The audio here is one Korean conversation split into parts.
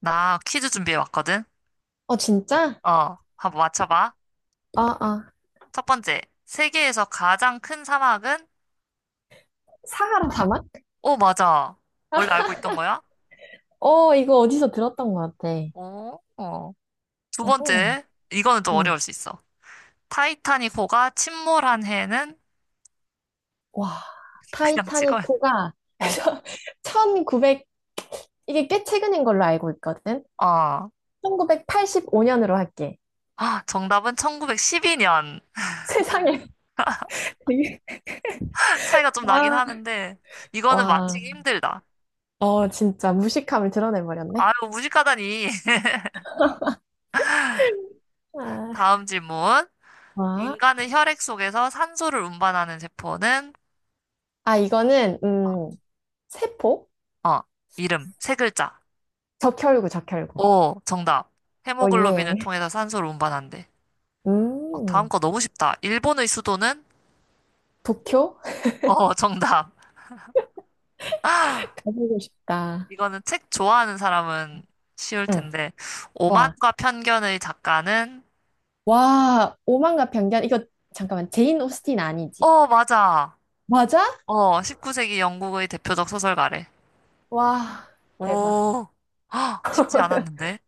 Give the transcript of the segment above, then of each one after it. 나 퀴즈 준비해 왔거든? 어, 진짜? 어, 한번 맞춰봐. 아, 아. 첫 번째, 세계에서 가장 큰 사막은? 사하라 사막? 오, 맞아. 원래 알고 있던 거야? 어, 이거 어디서 들었던 것 같아. 오, 어. 두 어허. 번째, 이거는 좀 응. 어려울 수 있어. 타이타닉 호가 침몰한 해는? 와, 그냥 타이타닉 찍어야 돼. 호가 어, 1900, 이게 꽤 최근인 걸로 알고 있거든? 어. 1985년으로 할게. 아, 정답은 1912년. 세상에. 되게- 차이가 좀 나긴 와, 하는데, 이거는 와. 맞히기 힘들다. 어, 진짜 무식함을 드러내버렸네. 아유, 무식하다니. 아, 다음 질문. 와. 인간의 혈액 속에서 산소를 운반하는 세포는? 아, 이거는, 세포? 어, 이름, 세 글자. 적혈구, 적혈구. 오, 정답. 어, 헤모글로빈을 예. 통해서 산소를 운반한대. 어, 다음 음, 거 너무 쉽다. 일본의 수도는? 도쿄? 어, 정답. 가보고 싶다. 이거는 책 좋아하는 사람은 쉬울 응. 텐데. 와, 오만과 편견의 작가는? 와, 오만과 편견. 이거 잠깐만, 제인 오스틴 아니지? 어, 맞아. 맞아? 어, 19세기 영국의 대표적 소설가래. 와, 대박. 오, 헉, 쉽지 않았는데.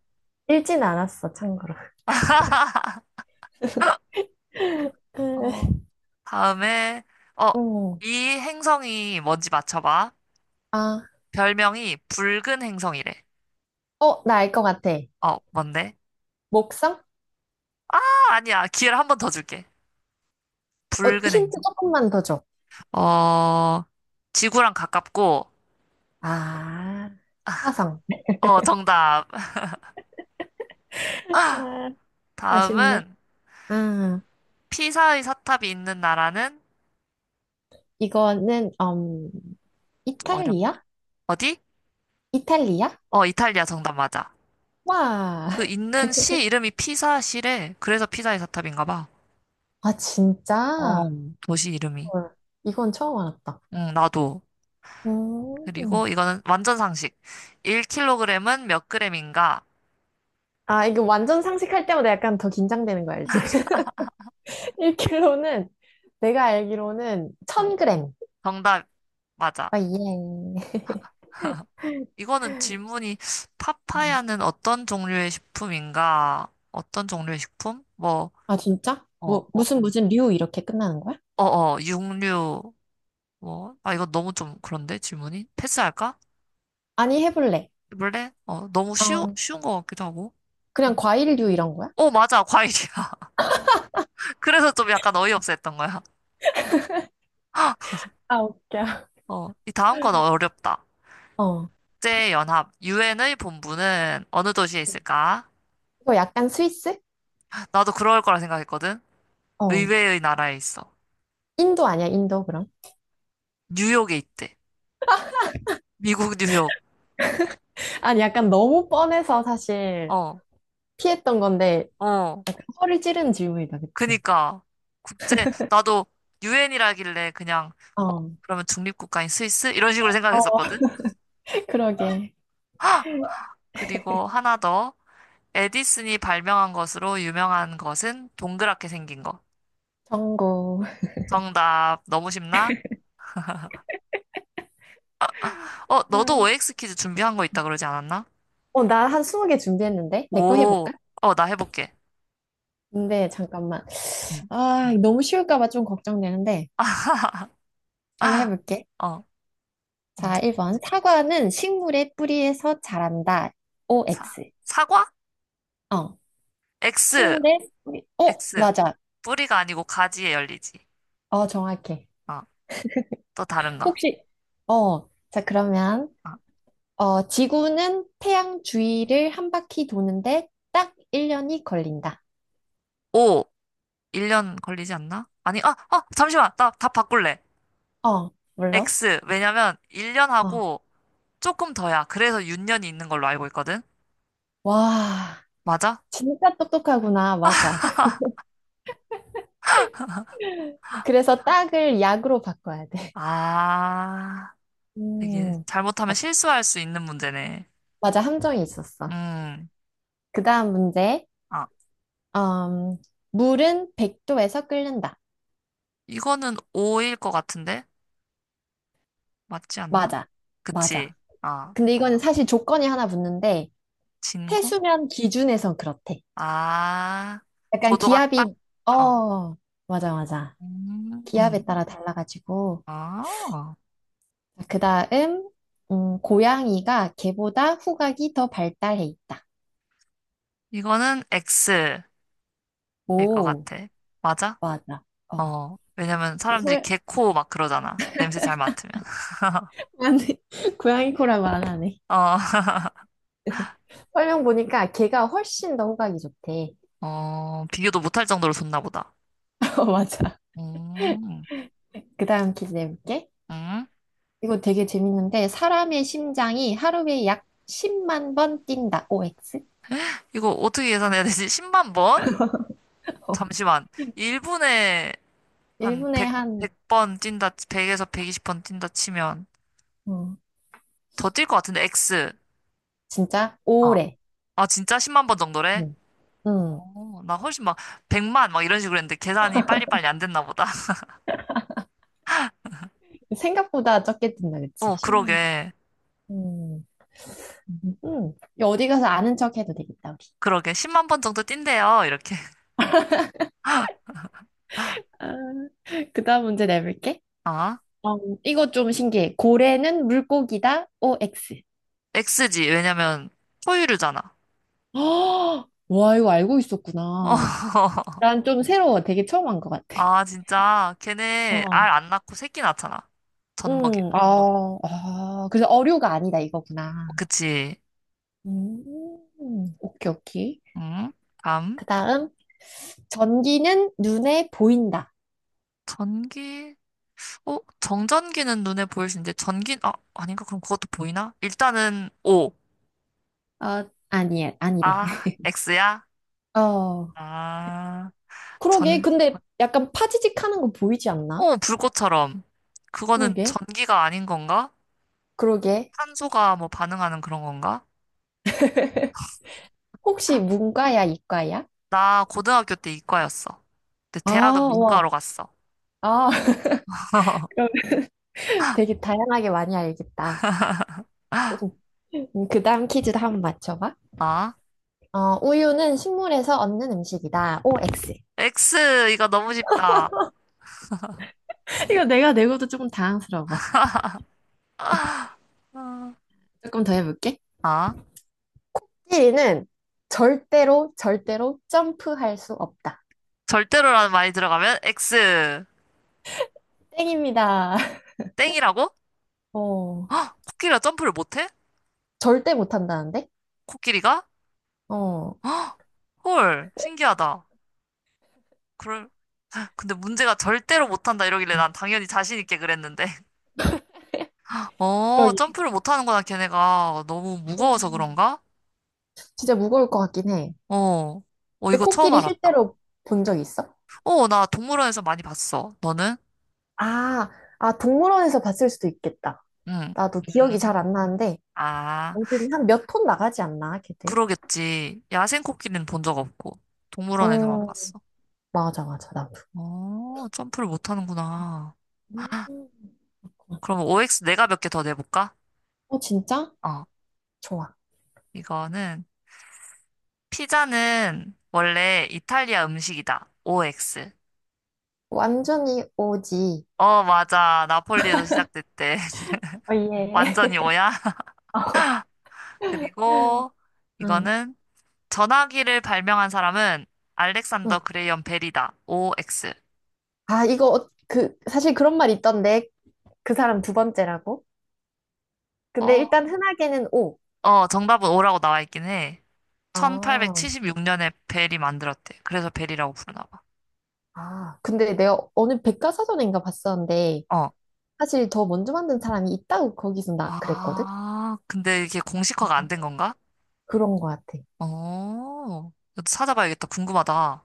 읽진 않았어, 참고로. 어, 다음에, 어, 음, 이 행성이 뭔지 맞춰봐. 아, 별명이 붉은 행성이래. 어, 나 알 것 같아. 어, 뭔데? 목성? 아니야. 기회를 한 번 더 줄게. 어, 붉은 힌트 행성. 조금만 더 줘. 어, 지구랑 가깝고, 아, 화성. 어, 정답. 아, 아쉽네. 다음은 아, 피사의 사탑이 있는 나라는? 이거는, 좀 어렵나? 이탈리아? 어디? 이탈리아? 어, 이탈리아 정답 맞아. 와, 그 있는 시 이름이 피사시래. 그래서 피사의 사탑인가 봐. 아, 어, 진짜? 도시 이름이. 헐, 이건 처음 알았다. 응, 나도. 음, 그리고 이거는 완전 상식. 1kg은 몇 그램인가? 아, 이거 완전 상식할 때마다 약간 더 긴장되는 거 알지? 1kg는 내가 알기로는 어, 1000g. 정답 맞아. 아, 예. 이거는 질문이 파파야는 어떤 종류의 식품인가? 어떤 종류의 식품? 뭐, 아, 진짜? 뭐, 뭐, 무슨 무슨 류 이렇게 끝나는 거야? 육류, 뭐. 아, 이거 너무 좀 그런데 질문이? 패스할까? 아니, 해볼래. 원래? 어, 너무 쉬우, 음, 쉬운 것 같기도 하고. 어, 그냥 과일류 이런 거야? 어, 맞아, 과일이야. 그래서 좀 약간 어이없어 했던 거야. 아, 웃겨. 어, 이 다음 건 어렵다. 어. 국제연합, 유엔의 본부는 어느 도시에 있을까? 이거 약간 스위스? 나도 그럴 거라 생각했거든. 어. 의외의 나라에 있어. 인도 아니야, 인도 그럼? 뉴욕에 있대. 미국 뉴욕. 아니, 약간 너무 뻔해서 사실 어, 피했던 건데, 어. 허를 찌르는 질문이다, 그치? 그니까 국제 나도 유엔이라길래 그냥 어 어. 그러면 중립국가인 스위스 이런 식으로 어. 생각했었거든. 그러게. 그리고 하나 더 에디슨이 발명한 것으로 유명한 것은 동그랗게 생긴 거. 정고. 정답 너무 쉽나? 어 너도 음. OX 퀴즈 준비한 거 있다 그러지 않았나? 어, 나 한 20개 준비했는데? 내 거 오, 해볼까? 어 나 해볼게. 근데 잠깐만. 응. 아, 너무 쉬울까 봐 좀 걱정되는데. 한번 해볼게. 어 자, 문제. 1번. 사과는 식물의 뿌리에서 자란다. 사 OX. 사과? 어, X 식물의 뿌리. 어, X. 맞아. 뿌리가 아니고 가지에 열리지. 어, 정확해. 어또 다른 거. 혹시, 어, 자, 그러면, 어. 어, 지구는 태양 주위를 한 바퀴 도는데 딱 1년이 걸린다. 오, 1년 걸리지 않나? 아니, 아, 잠시만. 나 답 바꿀래. 어, 물론. X. 왜냐면 어, 1년하고 조금 더야. 그래서 육 년이 있는 걸로 알고 있거든. 와, 맞아? 진짜 똑똑하구나. 맞아. 그래서 딱을 약으로 바꿔야 돼. 아, 되게 음, 잘못하면 딱, 실수할 수 있는 문제네. 맞아, 함정이 있었어. 음. 그 다음 문제. 아, 음, 물은 100도에서 끓는다. 이거는 오일 것 같은데? 맞지 않나? 맞아. 그치. 맞아. 아, 근데 이거는 사실 조건이 하나 붙는데, 진공? 해수면 기준에선 그렇대. 아, 약간 고도가 기압이, 딱, 어. 어, 맞아, 맞아. 기압에 음. 따라 달라가지고. 아, 그 다음, 고양이가 개보다 후각이 더 발달해 있다. 이거는 X일 것 오, 같아. 맞아? 맞아. 어. 어, 왜냐면 이 사람들이 설, 개코 막 그러잖아. 냄새 잘 맡으면. 아 고양이 코라고 안 하네. 어, 설명 보니까 걔가 훨씬 더 호각이 좋대. 어, 비교도 못할 정도로 좋나 보다. 어, 맞아. 음, 그 다음 퀴즈 내볼게. 음. 이거 되게 재밌는데, 사람의 심장이 하루에 약 10만 번 뛴다. OX? 이거 어떻게 계산해야 되지? 10만 번? 어. 잠시만. 1분에 한 1분에 100, 한, 번 뛴다, 100에서 120번 뛴다 치면 어. 더 뛸 것 같은데, X. 진짜? 어. 오래. 아, 진짜 10만 번 정도래? 음. 음. 어, 나 훨씬 막 100만 막 이런 식으로 했는데 계산이 빨리빨리 안 됐나 보다. 생각보다 적게 뛴다, 그치? 어, 10만 그러게. 번. 음. 음. 이거 어디 가서 아는 척 해도 되겠다, 우리. 그러게. 10만 번 정도 뛴대요. 이렇게. 아, 그 다음 문제 내볼게. 어? 어, 이거 좀 신기해. 고래는 물고기다. OX. X지. 왜냐면 포유류잖아. 와, 이거 알고 어. 있었구나. 난 좀 새로워. 되게 처음 한 것 같아. 아, 진짜. 걔네 알 어. 안 낳고 새끼 낳잖아. 젖먹이. 아, 아, 그래서 어류가 아니다 이거구나. 그치. 음, 오케이, 오케이. 응? 다음. 그 다음, 전기는 눈에 보인다. 전기. 어? 정전기는 눈에 보일 수 있는데 전기 아닌가? 그럼 그것도 보이나? 일단은 O. 어, 아니, 아니래. 아, X야? 어, 아, 그러게. 전 근데 약간 파지직 하는 거 보이지 않나? 불꽃처럼. 그거는 그러게. 전기가 아닌 건가? 그러게. 탄소가 뭐 반응하는 그런 건가? 혹시 문과야, 이과야? 나 고등학교 때 이과였어. 근데 아, 대학은 와. 문과로 갔어. 아, 그럼 되게 다양하게 많이 알겠다. 그 다음 퀴즈도 한번 맞춰봐. 아, 어, 우유는 식물에서 얻는 음식이다. OX. X, 이거 너무 쉽다. 이거 내가 내고도 조금 당황스러워. 조금 더 해볼게. 아, 찌리는 절대로, 절대로 점프할 수 없다. 절대로라는 말이 들어가면 X, 땡입니다. 땡이라고? 어, 코끼리가 점프를 못해? 절대 못한다는데? 코끼리가? 어, 헐, 신기하다. 그럴, 근데 문제가 절대로 못한다 이러길래 난 당연히 자신 있게 그랬는데. 어, 그러기. 점프를 못하는구나, 걔네가. 너무 무거워서 음. 그런가? 진짜 무거울 것 같긴 해. 어, 어, 근데 이거 처음 코끼리 알았다. 실제로 본 적 있어? 어, 나 동물원에서 많이 봤어. 너는? 아, 아, 동물원에서 봤을 수도 있겠다. 응, 나도 기억이 잘 응. 안 나는데, 아, 아무튼 한 몇 톤 나가지 않나, 걔들? 그러겠지. 야생 코끼리는 본 적 없고, 동물원에서만 어, 봤어. 맞아, 맞아, 나도. 어, 점프를 못 하는구나. 음. 그럼 OX 내가 몇 개 더 내볼까? 어, 진짜? 어, 좋아. 이거는, 피자는 원래 이탈리아 음식이다. OX. 완전히 오지. 어, 맞아. 나폴리에서 시작됐대. 어, 예. 완전히 오야. 어. 그리고 응. 이거는 전화기를 발명한 사람은 응. 알렉산더 그레이엄 벨이다. OX. 아, 이거, 그, 사실 그런 말 있던데. 그 사람 두 번째라고? 근데 어, 일단 흔하게는 오. 어, 정답은 O라고 나와 있긴 해. 아, 1876년에 벨이 만들었대. 그래서 벨이라고 부르나 봐. 아. 근데 내가 어느 백과사전인가 봤었는데, 어, 사실 더 먼저 만든 사람이 있다고 거기서 나 그랬거든? 아, 근데 이게 공식화가 안 음. 된 건가? 그런 것 같아. 어, 이것도 찾아봐야겠다. 궁금하다.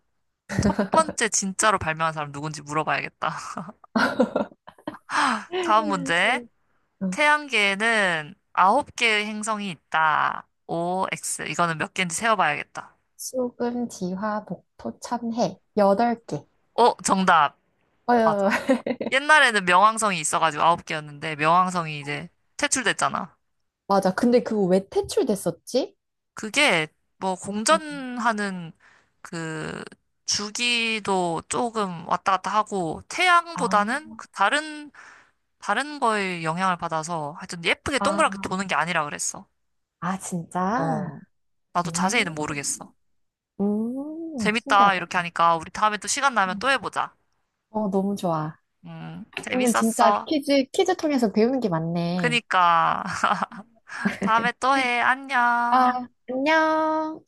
첫 번째 진짜로 발명한 사람 누군지 물어봐야겠다. 다음 문제. 음. 응. 태양계에는 아홉 개의 행성이 있다. O, X. 이거는 몇 개인지 세어봐야겠다. 수금, 지화, 목토, 참해. 여덟 개. 어, 정답. 맞아. 어 옛날에는 명왕성이 있어가지고 아홉 개였는데 명왕성이 이제 퇴출됐잖아. 맞아. 근데 그거 왜 퇴출됐었지? 그게 뭐 음. 공전하는 그 주기도 조금 왔다 갔다 하고 아, 태양보다는 그 다른 거에 영향을 받아서 하여튼 예쁘게 아. 동그랗게 도는 게 아니라 그랬어. 아, 진짜? 어, 나도 자세히는 모르겠어. 음, 재밌다 신기하다. 이렇게 하니까 우리 다음에 또 시간 나면 또 음. 해보자. 어, 너무 좋아. 오늘 진짜 재밌었어. 퀴즈, 퀴즈 통해서 배우는 게 많네. 그니까 다음에 또 해. 안녕. 아, 안녕.